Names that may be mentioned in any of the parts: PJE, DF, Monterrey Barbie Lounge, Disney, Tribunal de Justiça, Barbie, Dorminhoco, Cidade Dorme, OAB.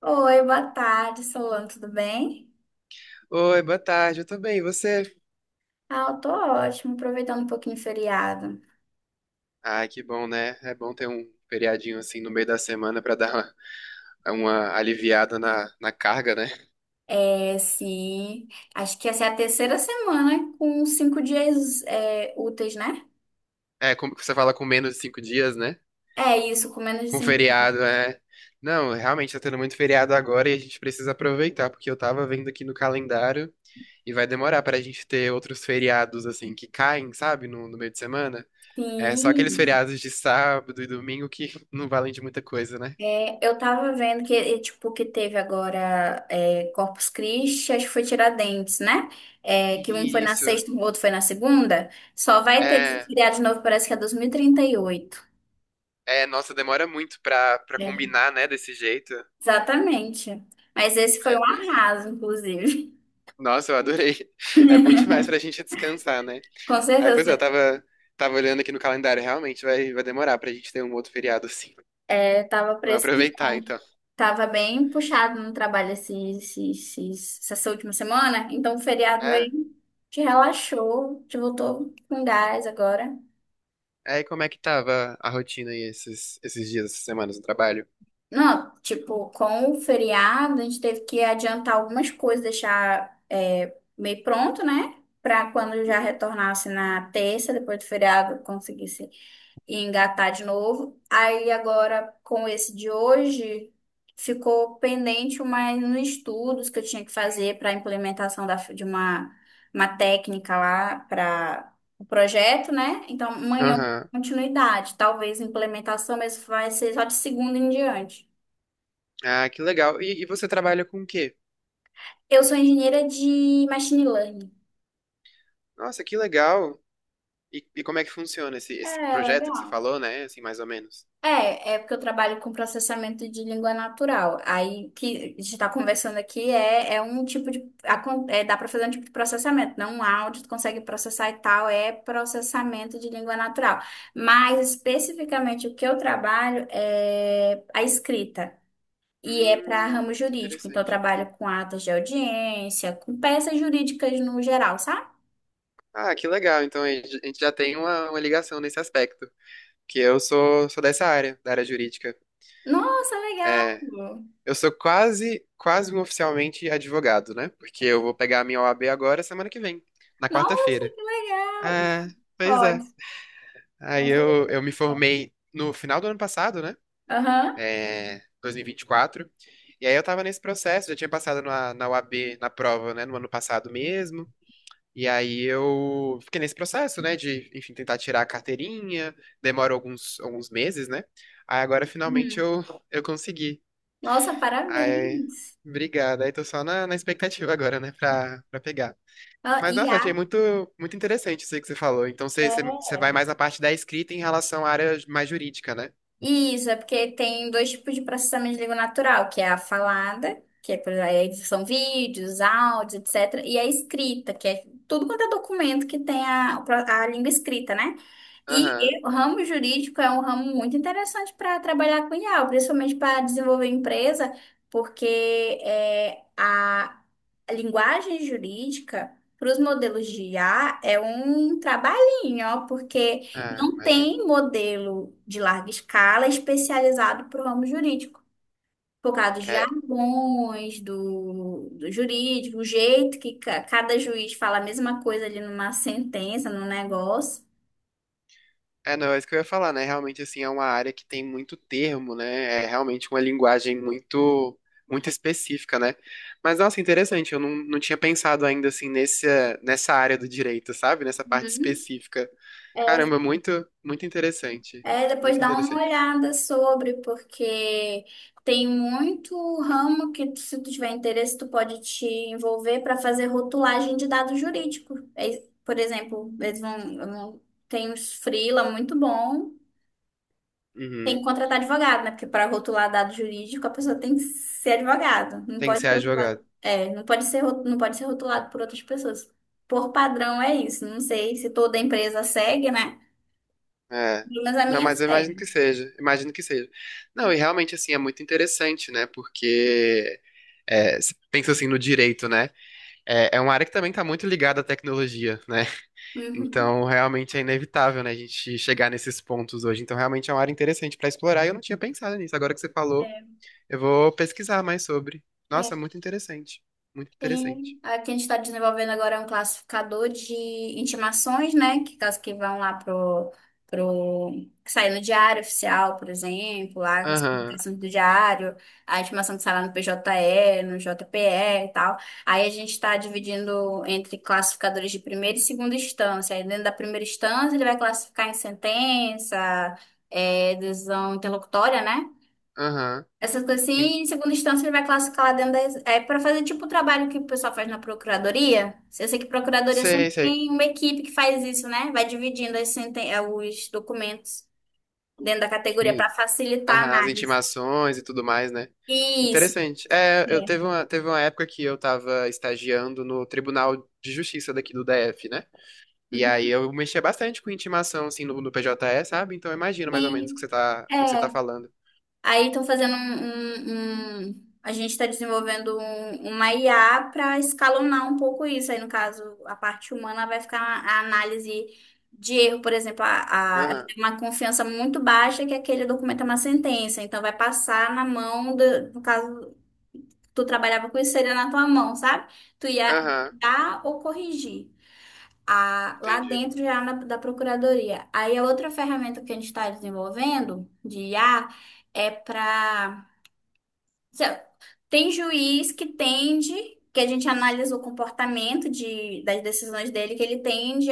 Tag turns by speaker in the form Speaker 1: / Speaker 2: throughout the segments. Speaker 1: Oi, boa tarde, Solano, tudo bem?
Speaker 2: Oi, boa tarde, eu tô bem, e você?
Speaker 1: Ah, eu tô ótimo, aproveitando um pouquinho o feriado.
Speaker 2: Ah, que bom, né? É bom ter um feriadinho assim no meio da semana pra dar uma aliviada na carga, né?
Speaker 1: É, sim, acho que essa é a terceira semana com 5 dias úteis, né?
Speaker 2: É, como que você fala, com menos de 5 dias, né?
Speaker 1: É isso, com menos de
Speaker 2: Com
Speaker 1: cinco.
Speaker 2: feriado, é. Não, realmente tá tendo muito feriado agora e a gente precisa aproveitar, porque eu tava vendo aqui no calendário e vai demorar pra gente ter outros feriados assim que caem, sabe, no meio de semana. É só aqueles
Speaker 1: Sim,
Speaker 2: feriados de sábado e domingo que não valem de muita coisa, né?
Speaker 1: é, eu tava vendo que, tipo, que teve agora Corpus Christi, acho que foi Tiradentes, né? É, que um foi na
Speaker 2: Isso.
Speaker 1: sexta, o outro foi na segunda. Só vai ter esse
Speaker 2: É,
Speaker 1: feriado de novo, parece que é 2038.
Speaker 2: é, nossa, demora muito pra
Speaker 1: É.
Speaker 2: combinar, né, desse jeito.
Speaker 1: Exatamente. Mas esse foi
Speaker 2: É,
Speaker 1: um
Speaker 2: pois é.
Speaker 1: arraso, inclusive.
Speaker 2: Nossa, eu adorei. É bom demais pra gente descansar, né?
Speaker 1: Com
Speaker 2: Aí, pois é,
Speaker 1: certeza.
Speaker 2: tava olhando aqui no calendário, realmente vai demorar pra gente ter um outro feriado assim.
Speaker 1: É, tava
Speaker 2: Vamos aproveitar,
Speaker 1: precisando.
Speaker 2: então.
Speaker 1: Tava bem puxado no trabalho essa última semana. Então, o feriado aí
Speaker 2: É.
Speaker 1: te relaxou, te voltou com gás agora.
Speaker 2: Aí, como é que tava a rotina aí esses dias, essas semanas no trabalho?
Speaker 1: Não, tipo, com o feriado, a gente teve que adiantar algumas coisas, deixar meio pronto, né? Pra quando já
Speaker 2: Uhum.
Speaker 1: retornasse na terça, depois do feriado, conseguisse e engatar de novo. Aí agora, com esse de hoje, ficou pendente mais nos estudos que eu tinha que fazer para a implementação de uma técnica lá para o projeto, né? Então, amanhã eu dou
Speaker 2: Aham.
Speaker 1: continuidade. Talvez implementação, mas vai ser só de segunda em diante.
Speaker 2: Ah, que legal. E você trabalha com o quê?
Speaker 1: Eu sou engenheira de machine learning.
Speaker 2: Nossa, que legal. E como é que funciona esse
Speaker 1: É,
Speaker 2: projeto que você
Speaker 1: legal.
Speaker 2: falou, né? Assim, mais ou menos.
Speaker 1: É porque eu trabalho com processamento de língua natural. Aí o que a gente está conversando aqui é um tipo de. Dá para fazer um tipo de processamento, não um áudio, tu consegue processar e tal, é processamento de língua natural. Mas especificamente o que eu trabalho é a escrita. E é para ramo
Speaker 2: Que
Speaker 1: jurídico. Então, eu
Speaker 2: interessante.
Speaker 1: trabalho com atas de audiência, com peças jurídicas no geral, sabe?
Speaker 2: Ah, que legal. Então a gente já tem uma ligação nesse aspecto, que sou dessa área, da área jurídica.
Speaker 1: Nossa, legal!
Speaker 2: É, eu sou quase, quase um oficialmente advogado, né? Porque eu vou pegar a minha OAB agora semana que vem, na
Speaker 1: Nossa,
Speaker 2: quarta-feira.
Speaker 1: que legal!
Speaker 2: Ah, pois é.
Speaker 1: Ótimo.
Speaker 2: Aí
Speaker 1: Nossa, legal.
Speaker 2: eu me formei no final do ano passado, né?
Speaker 1: Aham.
Speaker 2: É, 2024. E 24. E aí eu tava nesse processo, já tinha passado na OAB, na prova, né? No ano passado mesmo. E aí eu fiquei nesse processo, né, de, enfim, tentar tirar a carteirinha, demora alguns meses, né? Aí agora finalmente
Speaker 1: Hum.
Speaker 2: eu, eu consegui.
Speaker 1: Nossa,
Speaker 2: Aí,
Speaker 1: parabéns.
Speaker 2: obrigado. Aí tô só na expectativa agora, né, pra pegar.
Speaker 1: Ah,
Speaker 2: Mas, nossa,
Speaker 1: IA.
Speaker 2: achei muito, muito interessante isso aí que você falou. Então, você
Speaker 1: É.
Speaker 2: vai mais na parte da escrita em relação à área mais jurídica, né?
Speaker 1: Isso, é porque tem dois tipos de processamento de língua natural, que é a falada, que é, por exemplo, são vídeos, áudios, etcétera, e a escrita, que é tudo quanto é documento que tem a língua escrita, né? E
Speaker 2: Aham.
Speaker 1: e o ramo jurídico é um ramo muito interessante para trabalhar com IA, principalmente para desenvolver empresa, porque a linguagem jurídica para os modelos de IA é um trabalhinho, ó, porque
Speaker 2: Ah,
Speaker 1: não
Speaker 2: imagino.
Speaker 1: tem modelo de larga escala especializado para o ramo jurídico. Por causa dos
Speaker 2: É,
Speaker 1: jargões, do jurídico, o jeito que cada juiz fala a mesma coisa ali numa sentença, num negócio.
Speaker 2: é, não, é isso que eu ia falar, né? Realmente, assim, é uma área que tem muito termo, né? É realmente uma linguagem muito, muito específica, né? Mas, nossa, interessante, eu não, não tinha pensado ainda, assim, nessa área do direito, sabe? Nessa parte
Speaker 1: Uhum.
Speaker 2: específica. Caramba, é muito, muito interessante.
Speaker 1: É, depois
Speaker 2: Muito
Speaker 1: dá uma
Speaker 2: interessante.
Speaker 1: olhada sobre, porque tem muito ramo que, se tu tiver interesse, tu pode te envolver para fazer rotulagem de dados jurídicos. É, por exemplo, eles tem uns freela muito bom, tem
Speaker 2: Uhum.
Speaker 1: que contratar advogado, né? Porque para rotular dado jurídico, a pessoa tem que ser advogado, não
Speaker 2: Tem que
Speaker 1: pode
Speaker 2: ser
Speaker 1: ser
Speaker 2: advogado.
Speaker 1: rotulado, não pode ser rotulado por outras pessoas. Por padrão é isso. Não sei se toda empresa segue, né?
Speaker 2: É.
Speaker 1: Mas a
Speaker 2: Não,
Speaker 1: minha
Speaker 2: mas eu imagino
Speaker 1: segue.
Speaker 2: que seja. Imagino que seja. Não, e realmente, assim, é muito interessante, né? Porque, é, você pensa, assim, no direito, né? É uma área que também está muito ligada à tecnologia, né?
Speaker 1: Uhum.
Speaker 2: Então, realmente é inevitável, né, a gente chegar nesses pontos hoje. Então, realmente é uma área interessante para explorar e eu não tinha pensado nisso. Agora que você falou,
Speaker 1: É.
Speaker 2: eu vou pesquisar mais sobre.
Speaker 1: É,
Speaker 2: Nossa, muito interessante. Muito interessante.
Speaker 1: tem. Aqui a gente está desenvolvendo agora é um classificador de intimações, né? Que caso que vão lá pro que sai no diário oficial, por exemplo, lá as
Speaker 2: Aham,
Speaker 1: publicações do diário, a intimação que sai lá no PJE, no JPE e tal. Aí a gente está dividindo entre classificadores de primeira e segunda instância. Aí dentro da primeira instância ele vai classificar em sentença, decisão interlocutória, né?
Speaker 2: aham.
Speaker 1: Essas coisas assim,
Speaker 2: In-
Speaker 1: e em segunda instância, ele vai classificar lá dentro da. É para fazer tipo o trabalho que o pessoal faz na procuradoria. Eu sei que procuradoria
Speaker 2: Sei,
Speaker 1: sempre
Speaker 2: sei.
Speaker 1: tem uma equipe que faz isso, né? Vai dividindo as os documentos dentro da
Speaker 2: Tipo,
Speaker 1: categoria para facilitar a
Speaker 2: aham, as
Speaker 1: análise.
Speaker 2: intimações e tudo mais, né?
Speaker 1: Isso.
Speaker 2: Interessante. É, eu
Speaker 1: É.
Speaker 2: teve uma época que eu estava estagiando no Tribunal de Justiça daqui do DF, né? E aí
Speaker 1: Uhum.
Speaker 2: eu mexia bastante com intimação, assim, no PJE, sabe? Então eu imagino
Speaker 1: E,
Speaker 2: mais ou menos o que você tá
Speaker 1: é,
Speaker 2: falando.
Speaker 1: Aí estão fazendo A gente está desenvolvendo uma IA para escalonar um pouco isso. Aí, no caso, a parte humana vai ficar a análise de erro, por exemplo, ela
Speaker 2: Aham,
Speaker 1: tem uma confiança muito baixa que aquele documento é uma sentença. Então, vai passar na mão, no caso, tu trabalhava com isso, seria na tua mão, sabe? Tu ia
Speaker 2: aham,
Speaker 1: dar ou corrigir. Lá
Speaker 2: entendi.
Speaker 1: dentro da Procuradoria. Aí a outra ferramenta que a gente está desenvolvendo de IA é para se- Tem juiz que tende, que a gente analisa o comportamento das decisões dele, que ele tende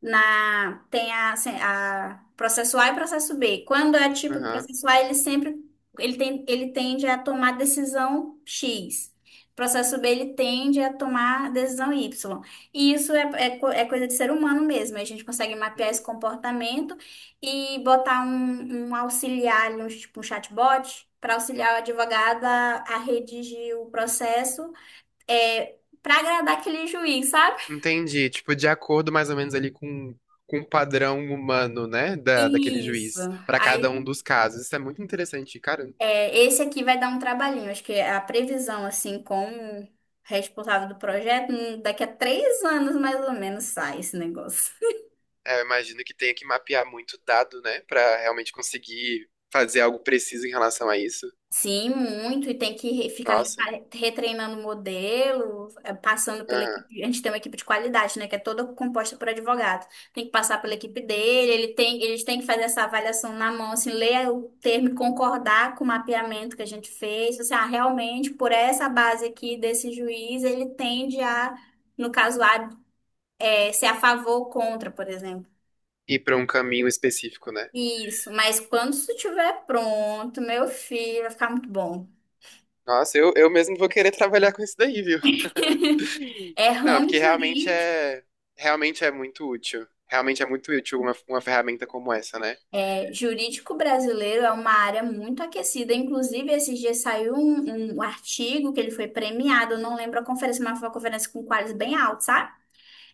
Speaker 1: assim, a processo A e processo B. Quando é tipo
Speaker 2: Aham,
Speaker 1: processo A, ele sempre ele tem, ele tende a tomar decisão X. Processo B, ele tende a tomar decisão Y. E isso é coisa de ser humano mesmo. A gente consegue mapear esse
Speaker 2: uhum.
Speaker 1: comportamento e botar um auxiliar, ali, um, tipo um chatbot, para auxiliar o advogado a redigir o processo é, para agradar aquele juiz, sabe?
Speaker 2: Entendi. Tipo, de acordo mais ou menos ali com o padrão humano, né? Daquele
Speaker 1: Isso.
Speaker 2: juiz, pra cada um dos casos. Isso é muito interessante, cara.
Speaker 1: É, esse aqui vai dar um trabalhinho. Acho que a previsão, assim, com o responsável do projeto, daqui a 3 anos mais ou menos sai esse negócio.
Speaker 2: É, eu imagino que tenha que mapear muito dado, né? Pra realmente conseguir fazer algo preciso em relação a isso.
Speaker 1: Sim, muito, e tem que ficar
Speaker 2: Nossa,
Speaker 1: retreinando o modelo, passando pela
Speaker 2: aham.
Speaker 1: equipe. A gente tem uma equipe de qualidade, né? Que é toda composta por advogado. Tem que passar pela equipe dele, eles têm que fazer essa avaliação na mão, assim, ler o termo e concordar com o mapeamento que a gente fez. Assim, ah, realmente, por essa base aqui desse juiz, ele tende a, no caso A, ser a favor ou contra, por exemplo.
Speaker 2: Ir pra um caminho específico, né?
Speaker 1: Isso, mas quando isso estiver pronto, meu filho, vai ficar muito bom.
Speaker 2: Nossa, eu mesmo vou querer trabalhar com isso daí, viu?
Speaker 1: É
Speaker 2: Não, é
Speaker 1: ramo
Speaker 2: porque
Speaker 1: jurídico.
Speaker 2: realmente é muito útil. Realmente é muito útil uma ferramenta como essa, né?
Speaker 1: É, jurídico brasileiro é uma área muito aquecida. Inclusive, esses dias saiu um artigo que ele foi premiado. Eu não lembro a conferência, mas foi uma conferência com quadros bem altos, sabe?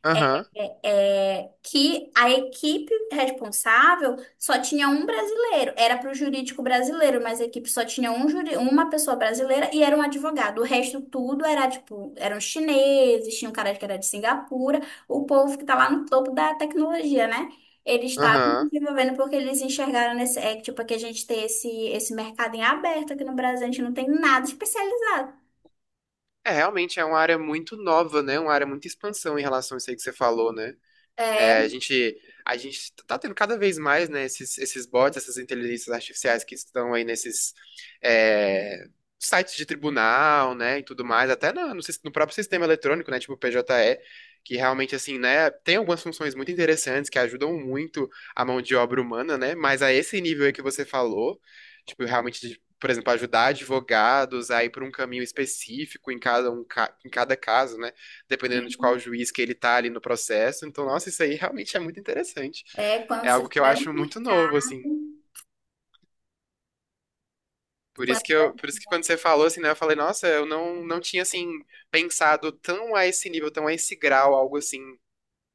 Speaker 2: Aham,
Speaker 1: Que a equipe responsável só tinha um brasileiro. Era para o jurídico brasileiro, mas a equipe só tinha uma pessoa brasileira e era um advogado. O resto tudo era tipo, eram chineses, tinha um cara que era de Singapura, o povo que tá lá no topo da tecnologia, né? Eles estavam
Speaker 2: aham.
Speaker 1: desenvolvendo porque eles enxergaram nesse, tipo, que a gente tem esse mercado em aberto aqui no Brasil, a gente não tem nada especializado.
Speaker 2: É, realmente é uma área muito nova, né? Uma área muito expansão em relação a isso aí que você falou, né? É,
Speaker 1: É,
Speaker 2: a gente tá tendo cada vez mais, né, esses bots, essas inteligências artificiais que estão aí nesses é, sites de tribunal, né, e tudo mais, até no próprio sistema eletrônico, né, tipo o PJE, que realmente, assim, né, tem algumas funções muito interessantes que ajudam muito a mão de obra humana, né, mas a esse nível aí que você falou, tipo, realmente, de, por exemplo, ajudar advogados a ir por um caminho específico em cada caso, né, dependendo de qual juiz que ele tá ali no processo. Então, nossa, isso aí realmente é muito interessante.
Speaker 1: é quando
Speaker 2: É
Speaker 1: se
Speaker 2: algo que eu
Speaker 1: tiver no
Speaker 2: acho muito novo,
Speaker 1: mercado,
Speaker 2: assim.
Speaker 1: quando
Speaker 2: Por isso que quando você falou assim, né, eu falei, nossa, eu não, não tinha assim pensado tão a esse nível, tão a esse grau, algo assim,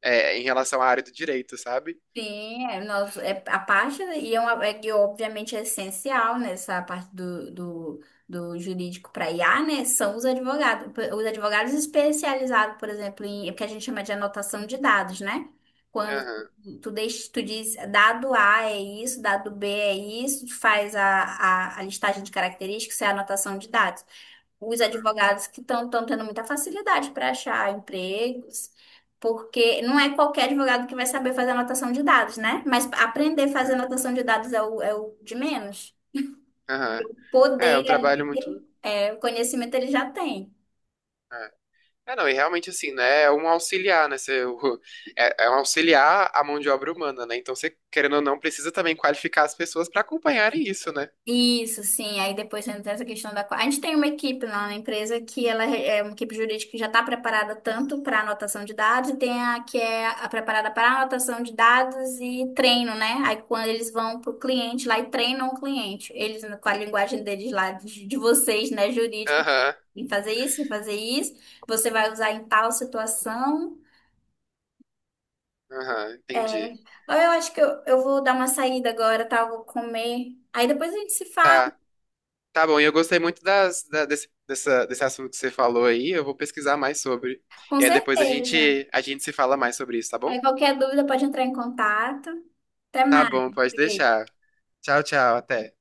Speaker 2: é, em relação à área do direito, sabe?
Speaker 1: Sim, é, nós, é a parte, né, e é, uma, é que obviamente é essencial nessa parte do jurídico para IA, né? São os advogados especializados, por exemplo, é o que a gente chama de anotação de dados, né? Quando
Speaker 2: Aham,
Speaker 1: deixa, tu diz dado A é isso, dado B é isso, tu faz a listagem de características, isso é a anotação de dados os
Speaker 2: aham,
Speaker 1: advogados que estão tendo muita facilidade para achar empregos, porque não é qualquer advogado que vai saber fazer anotação de dados, né? Mas aprender a fazer
Speaker 2: é,
Speaker 1: anotação de dados é o, de menos.
Speaker 2: aham. É
Speaker 1: Poder
Speaker 2: um trabalho
Speaker 1: ali,
Speaker 2: muito.
Speaker 1: o conhecimento ele já tem.
Speaker 2: É. É, não, e realmente assim, né? É um auxiliar, né? É um auxiliar à mão de obra humana, né? Então você, querendo ou não, precisa também qualificar as pessoas para acompanharem isso, né?
Speaker 1: Isso, sim. Aí depois entra essa questão da. A gente tem uma equipe lá na empresa que ela é uma equipe jurídica que já está preparada tanto para anotação de dados e tem a que é a preparada para anotação de dados e treino, né? Aí quando eles vão para o cliente lá e treinam o cliente, eles com a linguagem deles lá, de vocês, né, jurídica,
Speaker 2: Aham.
Speaker 1: em fazer isso, você vai usar em tal situação.
Speaker 2: Aham,
Speaker 1: É.
Speaker 2: entendi.
Speaker 1: Eu acho que eu vou dar uma saída agora, tá? Eu vou comer. Aí depois a gente se fala,
Speaker 2: Tá, tá bom. E eu gostei muito das, da- desse, dessa, desse assunto que você falou aí. Eu vou pesquisar mais sobre.
Speaker 1: com
Speaker 2: E aí depois
Speaker 1: certeza.
Speaker 2: a gente se fala mais sobre isso, tá
Speaker 1: Aí
Speaker 2: bom?
Speaker 1: qualquer dúvida pode entrar em contato. Até
Speaker 2: Tá
Speaker 1: mais.
Speaker 2: bom, pode
Speaker 1: Beijo.
Speaker 2: deixar. Tchau, tchau, até.